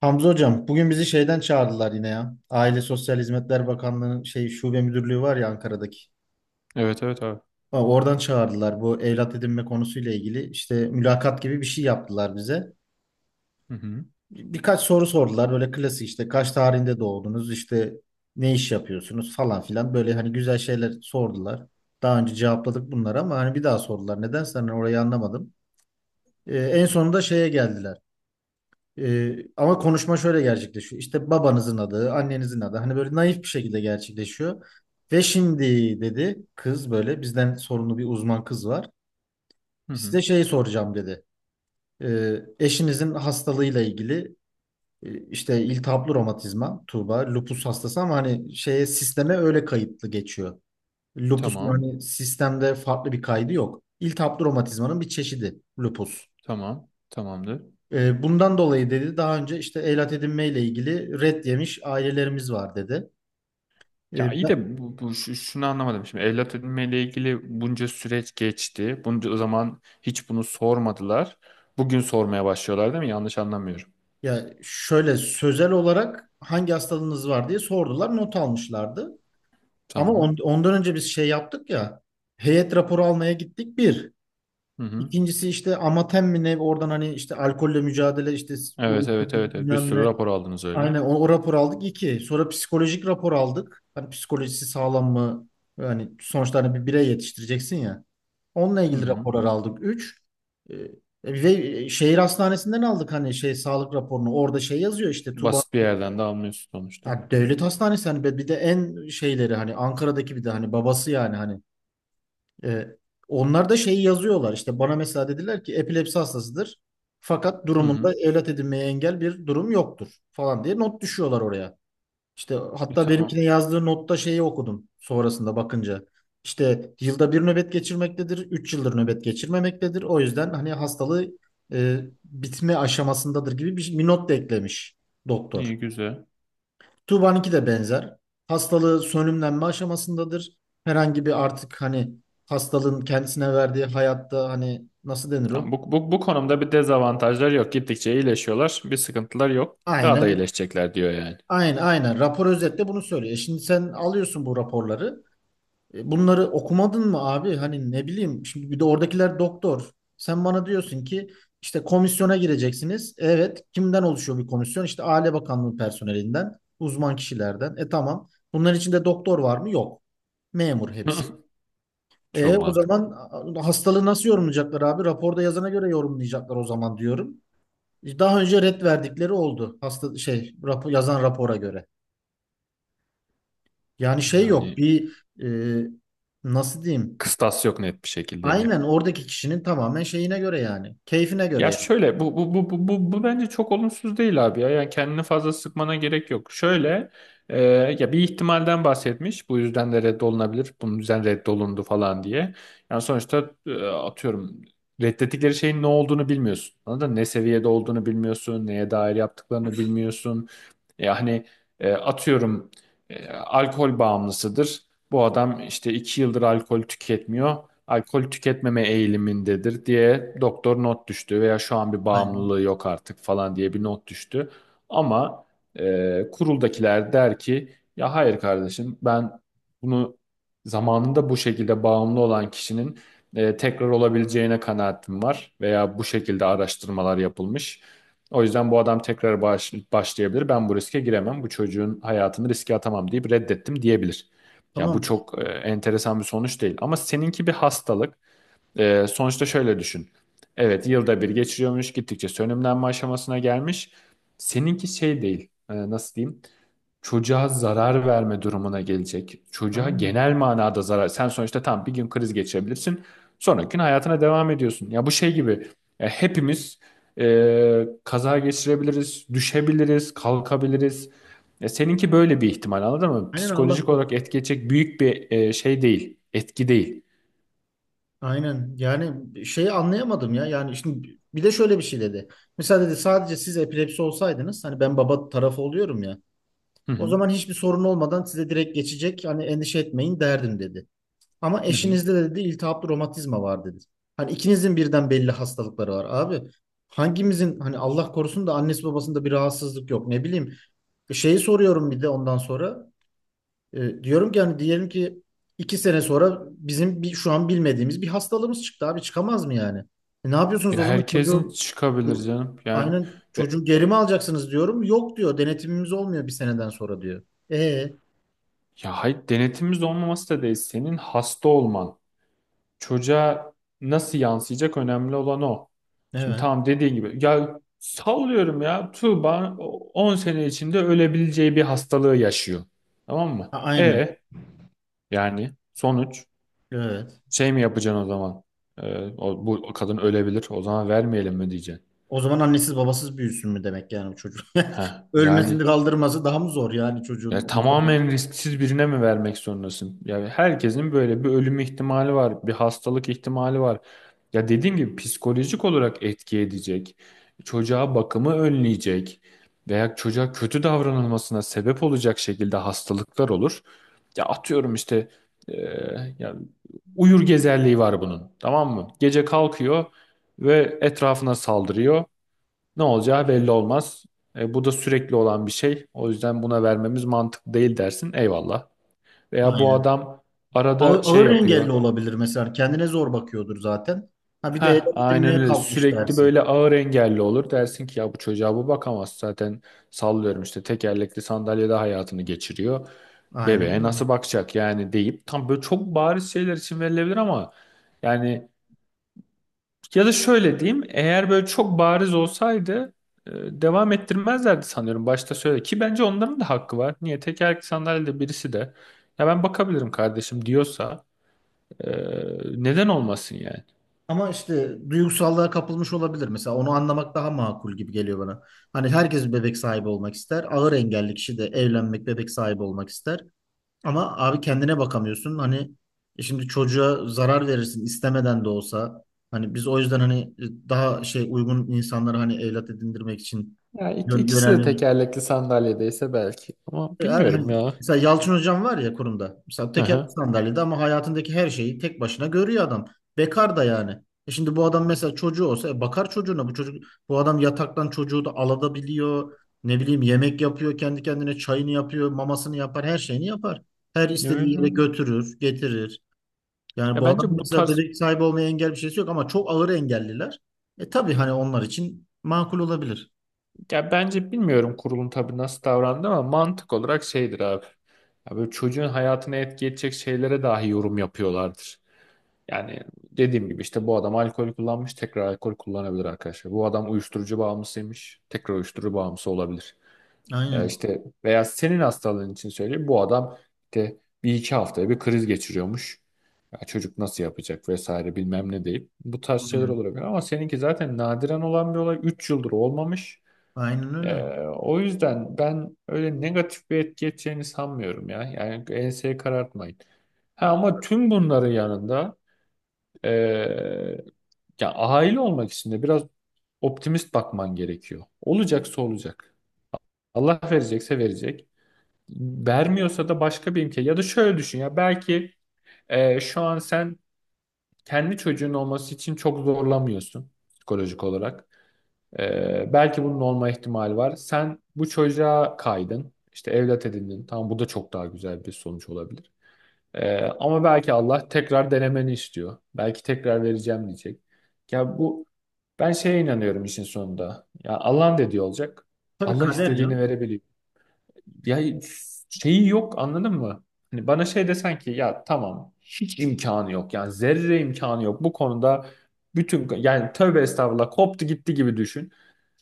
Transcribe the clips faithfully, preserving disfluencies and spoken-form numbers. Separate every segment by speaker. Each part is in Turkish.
Speaker 1: Hamza hocam bugün bizi şeyden çağırdılar yine ya. Aile Sosyal Hizmetler Bakanlığı'nın şey şube müdürlüğü var ya Ankara'daki.
Speaker 2: Evet evet abi.
Speaker 1: Ha, Oradan çağırdılar bu evlat edinme konusuyla ilgili. İşte mülakat gibi bir şey yaptılar bize.
Speaker 2: Hı hı.
Speaker 1: Birkaç soru sordular böyle klasik işte kaç tarihinde doğdunuz işte ne iş yapıyorsunuz falan filan böyle hani güzel şeyler sordular. Daha önce cevapladık bunları ama hani bir daha sordular. Nedense hani orayı anlamadım. Ee, en sonunda şeye geldiler. Ee, ama konuşma şöyle gerçekleşiyor. İşte babanızın adı, annenizin adı. Hani böyle naif bir şekilde gerçekleşiyor. Ve şimdi dedi kız böyle bizden sorumlu bir uzman kız var.
Speaker 2: Hı hı.
Speaker 1: Size şey soracağım dedi. Ee, eşinizin hastalığıyla ilgili e, işte iltihaplı romatizma, Tuğba, lupus hastası ama hani şeye sisteme öyle kayıtlı geçiyor. Lupus
Speaker 2: Tamam.
Speaker 1: hani sistemde farklı bir kaydı yok. İltihaplı romatizmanın bir çeşidi lupus.
Speaker 2: Tamam. Tamamdır.
Speaker 1: E, bundan dolayı dedi daha önce işte evlat edinmeyle ilgili red yemiş ailelerimiz var dedi. E,
Speaker 2: Ya iyi
Speaker 1: ben-
Speaker 2: de bu, bu şu- şunu anlamadım şimdi. Evlat edinmeyle ilgili bunca süreç geçti. Bunca o zaman hiç bunu sormadılar. Bugün sormaya başlıyorlar değil mi? Yanlış anlamıyorum.
Speaker 1: ya şöyle sözel olarak hangi hastalığınız var diye sordular, not almışlardı. Ama on-
Speaker 2: Tamam.
Speaker 1: ondan önce biz şey yaptık ya. Heyet raporu almaya gittik bir.
Speaker 2: Hı hı.
Speaker 1: İkincisi işte amatem mi ne oradan hani işte alkolle mücadele işte
Speaker 2: Evet
Speaker 1: uyuşturucu
Speaker 2: evet evet. Evet. Bir
Speaker 1: bilmem
Speaker 2: sürü
Speaker 1: ne.
Speaker 2: rapor aldınız öyle.
Speaker 1: Aynen o, o rapor aldık iki. Sonra psikolojik rapor aldık. Hani psikolojisi sağlam mı? Yani sonuçta hani bir birey yetiştireceksin ya. Onunla
Speaker 2: Hı
Speaker 1: ilgili
Speaker 2: hı.
Speaker 1: raporlar aldık. üç. Ve e, şehir hastanesinden aldık hani şey sağlık raporunu. Orada şey yazıyor işte Tuba.
Speaker 2: Basit bir yerden de almıyorsun sonuçta.
Speaker 1: Ha, devlet hastanesi hani bir bir de en şeyleri hani Ankara'daki bir de hani babası yani hani e, onlar da şeyi yazıyorlar. İşte. Bana mesela dediler ki epilepsi hastasıdır. Fakat
Speaker 2: Hı
Speaker 1: durumunda
Speaker 2: hı.
Speaker 1: evlat edinmeye engel bir durum yoktur falan diye not düşüyorlar oraya. İşte
Speaker 2: E,
Speaker 1: hatta benimkine
Speaker 2: tamam.
Speaker 1: yazdığı notta şeyi okudum sonrasında bakınca. İşte yılda bir nöbet geçirmektedir, üç yıldır nöbet geçirmemektedir. O yüzden hani hastalığı e, bitme aşamasındadır gibi bir, bir not da eklemiş doktor.
Speaker 2: İyi güzel.
Speaker 1: Tuğba'nınki de benzer. Hastalığı sönümlenme aşamasındadır. Herhangi bir artık hani hastalığın kendisine verdiği hayatta hani nasıl denir o?
Speaker 2: Tamam. Bu, bu, bu konumda bir dezavantajlar yok. Gittikçe iyileşiyorlar. Bir sıkıntılar yok. Daha da
Speaker 1: Aynen,
Speaker 2: iyileşecekler diyor yani.
Speaker 1: aynen, aynen. Rapor özetle bunu söylüyor. E Şimdi sen alıyorsun bu raporları. E, Bunları okumadın mı abi? Hani ne bileyim şimdi bir de oradakiler doktor. Sen bana diyorsun ki işte komisyona gireceksiniz. Evet, kimden oluşuyor bir komisyon? İşte Aile Bakanlığı personelinden, uzman kişilerden. E tamam. Bunların içinde doktor var mı? Yok. Memur hepsi.
Speaker 2: Çok
Speaker 1: E o
Speaker 2: mantıklı.
Speaker 1: zaman a- hastalığı nasıl yorumlayacaklar abi? Raporda yazana göre yorumlayacaklar o zaman diyorum. E, Daha önce ret verdikleri oldu. Hasta şey rapor, yazan rapora göre. Yani şey yok.
Speaker 2: Yani
Speaker 1: Bir e, nasıl diyeyim?
Speaker 2: kıstas yok net bir şekilde.
Speaker 1: Aynen oradaki kişinin tamamen şeyine göre yani. Keyfine göre
Speaker 2: Ya
Speaker 1: yani.
Speaker 2: şöyle bu bu bu bu bu, bu bence çok olumsuz değil abi ya. Yani kendini fazla sıkmana gerek yok. Şöyle, e, ya bir ihtimalden bahsetmiş. Bu yüzden de reddolunabilir. Bunun yüzden reddolundu falan diye. Yani sonuçta e, atıyorum, reddettikleri şeyin ne olduğunu bilmiyorsun. Anladın mı? Ne seviyede olduğunu bilmiyorsun. Neye dair yaptıklarını bilmiyorsun. Yani e, atıyorum, e, alkol bağımlısıdır. Bu adam işte iki yıldır alkol tüketmiyor, alkol tüketmeme eğilimindedir diye doktor not düştü veya şu an bir
Speaker 1: Aynen.
Speaker 2: bağımlılığı yok artık falan diye bir not düştü. Ama e, kuruldakiler der ki ya hayır kardeşim, ben bunu zamanında bu şekilde bağımlı olan kişinin e, tekrar olabileceğine kanaatim var veya bu şekilde araştırmalar yapılmış. O yüzden bu adam tekrar baş- başlayabilir. Ben bu riske giremem. Bu çocuğun hayatını riske atamam deyip reddettim diyebilir. Ya bu
Speaker 1: Tamam.
Speaker 2: çok e, enteresan bir sonuç değil. Ama seninki bir hastalık. E, sonuçta şöyle düşün. Evet, yılda bir geçiriyormuş. Gittikçe sönümlenme aşamasına gelmiş. Seninki şey değil. E, nasıl diyeyim? Çocuğa zarar verme durumuna gelecek. Çocuğa
Speaker 1: Aynen.
Speaker 2: genel manada zarar. Sen sonuçta tam bir gün kriz geçirebilirsin. Sonraki gün hayatına devam ediyorsun. Ya bu şey gibi. Ya hepimiz e, kaza geçirebiliriz, düşebiliriz, kalkabiliriz. Ya seninki böyle bir ihtimal, anladın mı?
Speaker 1: Aynen Allah
Speaker 2: Psikolojik olarak
Speaker 1: korusun.
Speaker 2: etkileyecek büyük bir e, şey değil, etki değil.
Speaker 1: Aynen. Yani şeyi anlayamadım ya. Yani şimdi bir de şöyle bir şey dedi. Mesela dedi sadece siz epilepsi olsaydınız hani ben baba tarafı oluyorum ya.
Speaker 2: Hı
Speaker 1: O
Speaker 2: hı.
Speaker 1: zaman hiçbir sorun olmadan size direkt geçecek. Hani endişe etmeyin derdim dedi. Ama
Speaker 2: Hı hı.
Speaker 1: eşinizde de dedi iltihaplı romatizma var dedi. Hani ikinizin birden belli hastalıkları var abi. Hangimizin hani Allah korusun da annesi babasında bir rahatsızlık yok ne bileyim. Şeyi soruyorum bir de ondan sonra. E, diyorum ki hani diyelim ki iki sene sonra bizim bir, şu an bilmediğimiz bir hastalığımız çıktı abi çıkamaz mı yani? E, ne yapıyorsunuz
Speaker 2: Ya
Speaker 1: o zaman
Speaker 2: herkesin
Speaker 1: çocuğu
Speaker 2: çıkabilir
Speaker 1: bu-
Speaker 2: canım. Yani,
Speaker 1: aynen
Speaker 2: ve
Speaker 1: çocuğu geri mi alacaksınız diyorum. Yok diyor denetimimiz olmuyor bir seneden sonra diyor. E
Speaker 2: ya hayır, denetimimiz olmaması da değil. Senin hasta olman çocuğa nasıl yansıyacak, önemli olan o. Şimdi
Speaker 1: evet.
Speaker 2: tamam, dediğin gibi ya sallıyorum, ya Tuğba o- on sene içinde ölebileceği bir hastalığı yaşıyor. Tamam mı?
Speaker 1: A- aynen.
Speaker 2: E yani sonuç
Speaker 1: Evet.
Speaker 2: şey mi yapacaksın o zaman? Ee, o, bu kadın ölebilir, o zaman vermeyelim mi diyeceksin?
Speaker 1: O zaman annesiz babasız büyüsün mü demek yani bu çocuk?
Speaker 2: Heh,
Speaker 1: Ölmesini
Speaker 2: yani.
Speaker 1: kaldırması daha mı zor yani çocuğun?
Speaker 2: Ya tamamen risksiz birine mi vermek zorundasın? Yani herkesin böyle bir ölüm ihtimali var, bir hastalık ihtimali var. Ya dediğim gibi, psikolojik olarak etki edecek, çocuğa bakımı önleyecek veya çocuğa kötü davranılmasına sebep olacak şekilde hastalıklar olur. Ya atıyorum işte, e, ya uyur gezerliği var bunun, tamam mı? Gece kalkıyor ve etrafına saldırıyor. Ne olacağı belli olmaz. E, bu da sürekli olan bir şey. O yüzden buna vermemiz mantıklı değil dersin. Eyvallah. Veya bu
Speaker 1: Aynen.
Speaker 2: adam
Speaker 1: Ağır,
Speaker 2: arada şey
Speaker 1: ağır engelli
Speaker 2: yapıyor.
Speaker 1: olabilir mesela. Kendine zor bakıyordur zaten. Ha bir de ele
Speaker 2: Heh, aynen
Speaker 1: edinmeye
Speaker 2: öyle.
Speaker 1: kalkmış
Speaker 2: Sürekli
Speaker 1: dersin.
Speaker 2: böyle ağır engelli olur. Dersin ki ya bu çocuğa bu bakamaz. Zaten sallıyorum işte, tekerlekli sandalyede hayatını geçiriyor.
Speaker 1: Aynen
Speaker 2: Bebeğe
Speaker 1: öyle.
Speaker 2: nasıl bakacak yani deyip, tam böyle çok bariz şeyler için verilebilir ama yani. Ya da şöyle diyeyim, eğer böyle çok bariz olsaydı e, devam ettirmezlerdi sanıyorum, başta söyle ki, bence onların da hakkı var. Niye tekerlekli sandalyede birisi de ya ben bakabilirim kardeşim diyorsa e, neden olmasın yani?
Speaker 1: Ama işte duygusallığa kapılmış olabilir. Mesela onu anlamak daha makul gibi geliyor bana. Hani herkes bir bebek sahibi olmak ister. Ağır engelli kişi de evlenmek, bebek sahibi olmak ister. Ama abi kendine bakamıyorsun. Hani e şimdi çocuğa zarar verirsin istemeden de olsa. Hani biz o yüzden hani daha şey uygun insanları hani evlat edindirmek için
Speaker 2: Ya ik-
Speaker 1: yön,
Speaker 2: ikisi de
Speaker 1: yönelmemiz.
Speaker 2: tekerlekli sandalyedeyse belki, ama
Speaker 1: Yani
Speaker 2: bilmiyorum
Speaker 1: hani
Speaker 2: ya.
Speaker 1: mesela Yalçın hocam var ya kurumda. Mesela tekerlekli
Speaker 2: Aha.
Speaker 1: sandalyede ama hayatındaki her şeyi tek başına görüyor adam. Bekar da yani. E şimdi bu adam mesela çocuğu olsa e bakar çocuğuna. Bu çocuk bu adam yataktan çocuğu da alabiliyor. Ne bileyim yemek yapıyor, kendi kendine çayını yapıyor, mamasını yapar, her şeyini yapar. Her istediği
Speaker 2: Öyle
Speaker 1: yere
Speaker 2: öyle.
Speaker 1: götürür, getirir. Yani
Speaker 2: Ya
Speaker 1: bu adam
Speaker 2: bence bu
Speaker 1: mesela
Speaker 2: tarz
Speaker 1: bebek sahibi olmaya engel bir şeysi yok ama çok ağır engelliler. E tabii hani onlar için makul olabilir.
Speaker 2: ya bence bilmiyorum, kurulun tabii nasıl davrandı, ama mantık olarak şeydir abi. Ya böyle çocuğun hayatına etki edecek şeylere dahi yorum yapıyorlardır. Yani dediğim gibi işte, bu adam alkol kullanmış, tekrar alkol kullanabilir arkadaşlar. Bu adam uyuşturucu bağımlısıymış, tekrar uyuşturucu bağımlısı olabilir. E
Speaker 1: Aynen.
Speaker 2: işte veya senin hastalığın için söyleyeyim, bu adam işte bir iki haftaya bir kriz geçiriyormuş. Ya çocuk nasıl yapacak vesaire bilmem ne deyip bu tarz şeyler
Speaker 1: Aynen,
Speaker 2: olabilir, ama seninki zaten nadiren olan bir olay, üç yıldır olmamış.
Speaker 1: Aynen
Speaker 2: E,
Speaker 1: öyle.
Speaker 2: O yüzden ben öyle negatif bir etki edeceğini sanmıyorum ya. Yani enseyi karartmayın. Ha, ama tüm bunların yanında, ee, ya aile olmak için de biraz optimist bakman gerekiyor. Olacaksa olacak. Allah verecekse verecek. Vermiyorsa da başka bir imkan. Ya da şöyle düşün, ya belki e, şu an sen kendi çocuğun olması için çok zorlamıyorsun psikolojik olarak. Ee, belki bunun olma ihtimali var. Sen bu çocuğa kaydın, işte evlat edindin. Tamam, bu da çok daha güzel bir sonuç olabilir. Ee, ama belki Allah tekrar denemeni istiyor. Belki tekrar vereceğim diyecek. Ya bu Ben şeye inanıyorum işin sonunda. Ya Allah'ın dediği olacak.
Speaker 1: Tabii
Speaker 2: Allah
Speaker 1: kader
Speaker 2: istediğini
Speaker 1: canım.
Speaker 2: verebiliyor. Ya, şeyi yok, anladın mı? Hani bana şey desen ki ya tamam, hiç imkanı yok. Yani zerre imkanı yok. Bu konuda bütün, yani tövbe estağfurullah, koptu gitti gibi düşün.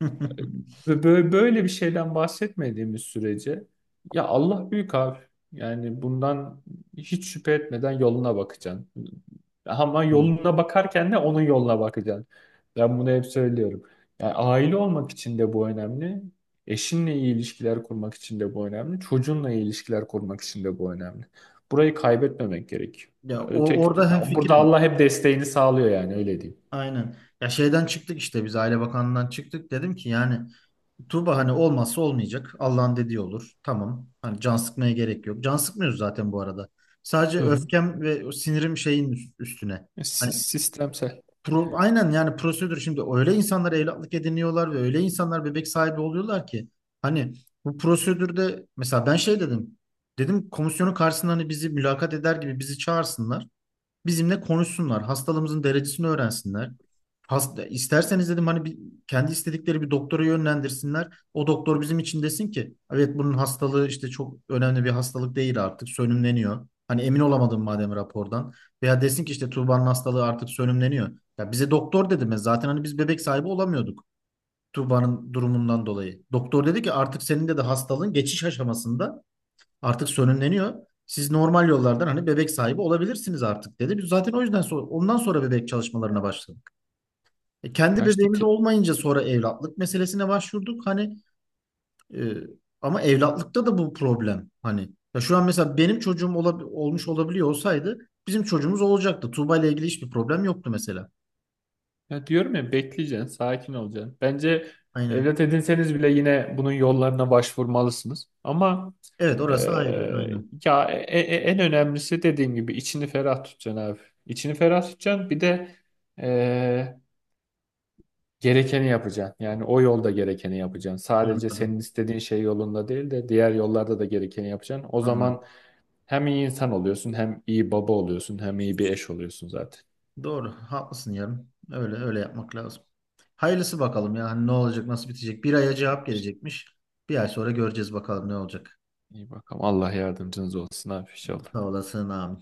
Speaker 2: Ve böyle, böyle bir şeyden bahsetmediğimiz sürece, ya Allah büyük abi. Yani bundan hiç şüphe etmeden yoluna bakacaksın. Ama
Speaker 1: Hı.
Speaker 2: yoluna bakarken de onun yoluna bakacaksın. Ben bunu hep söylüyorum. Yani aile olmak için de bu önemli. Eşinle iyi ilişkiler kurmak için de bu önemli. Çocuğunla iyi ilişkiler kurmak için de bu önemli. Burayı kaybetmemek gerekiyor.
Speaker 1: Ya o,
Speaker 2: Öteki,
Speaker 1: orada
Speaker 2: ya burada
Speaker 1: hemfikirim.
Speaker 2: Allah hep desteğini sağlıyor, yani öyle diyeyim.
Speaker 1: Aynen. Ya şeyden çıktık işte biz Aile Bakanlığı'ndan çıktık. Dedim ki yani Tuğba hani olmazsa olmayacak. Allah'ın dediği olur. Tamam. Hani can sıkmaya gerek yok. Can sıkmıyoruz zaten bu arada. Sadece
Speaker 2: Hı hı.
Speaker 1: öfkem ve o sinirim şeyin üst- üstüne.
Speaker 2: Si-
Speaker 1: Hani
Speaker 2: Sistemsel.
Speaker 1: pro- aynen yani prosedür şimdi öyle insanlar evlatlık ediniyorlar ve öyle insanlar bebek sahibi oluyorlar ki hani bu prosedürde mesela ben şey dedim. Dedim komisyonun karşısında hani bizi mülakat eder gibi bizi çağırsınlar. bizimle konuşsunlar. Hastalığımızın derecesini öğrensinler. Hasta, isterseniz dedim hani bir, kendi istedikleri bir doktora yönlendirsinler. O doktor bizim için desin ki evet bunun hastalığı işte çok önemli bir hastalık değil artık sönümleniyor. Hani emin olamadım madem rapordan. Veya desin ki işte Tuğba'nın hastalığı artık sönümleniyor. Ya bize doktor dedi mi? Zaten hani biz bebek sahibi olamıyorduk Tuğba'nın durumundan dolayı. Doktor dedi ki artık senin de de hastalığın geçiş aşamasında artık sönümleniyor. Siz normal yollardan hani bebek sahibi olabilirsiniz artık dedi. Biz zaten o yüzden sonra, ondan sonra bebek çalışmalarına başladık. E, kendi
Speaker 2: Ya işte
Speaker 1: bebeğimiz
Speaker 2: te-
Speaker 1: olmayınca sonra evlatlık meselesine başvurduk. Hani e, ama evlatlıkta da bu problem. Hani ya şu an mesela benim çocuğum olab- olmuş olabiliyor olsaydı bizim çocuğumuz olacaktı. Tuğba ile ilgili hiçbir problem yoktu mesela.
Speaker 2: Ya diyorum ya, bekleyeceksin, sakin olacaksın. Bence
Speaker 1: Aynen.
Speaker 2: evlat edinseniz bile yine bunun yollarına başvurmalısınız. Ama
Speaker 1: Evet orası ayrı.
Speaker 2: eee,
Speaker 1: Aynen.
Speaker 2: ya e- e- en önemlisi, dediğim gibi içini ferah tutacaksın abi. İçini ferah tutacaksın. Bir de eee, gerekeni yapacaksın. Yani o yolda gerekeni yapacaksın. Sadece senin
Speaker 1: Anladım.
Speaker 2: istediğin şey yolunda değil de diğer yollarda da gerekeni yapacaksın. O zaman
Speaker 1: Anladım.
Speaker 2: hem iyi insan oluyorsun, hem iyi baba oluyorsun, hem iyi bir eş oluyorsun zaten.
Speaker 1: Doğru. Haklısın yarın. Öyle öyle yapmak lazım. Hayırlısı bakalım ya. Hani ne olacak, nasıl bitecek? Bir aya cevap gelecekmiş. Bir ay sonra göreceğiz bakalım ne olacak.
Speaker 2: İyi bakalım. Allah yardımcınız olsun abi inşallah.
Speaker 1: Sağ olasın abi.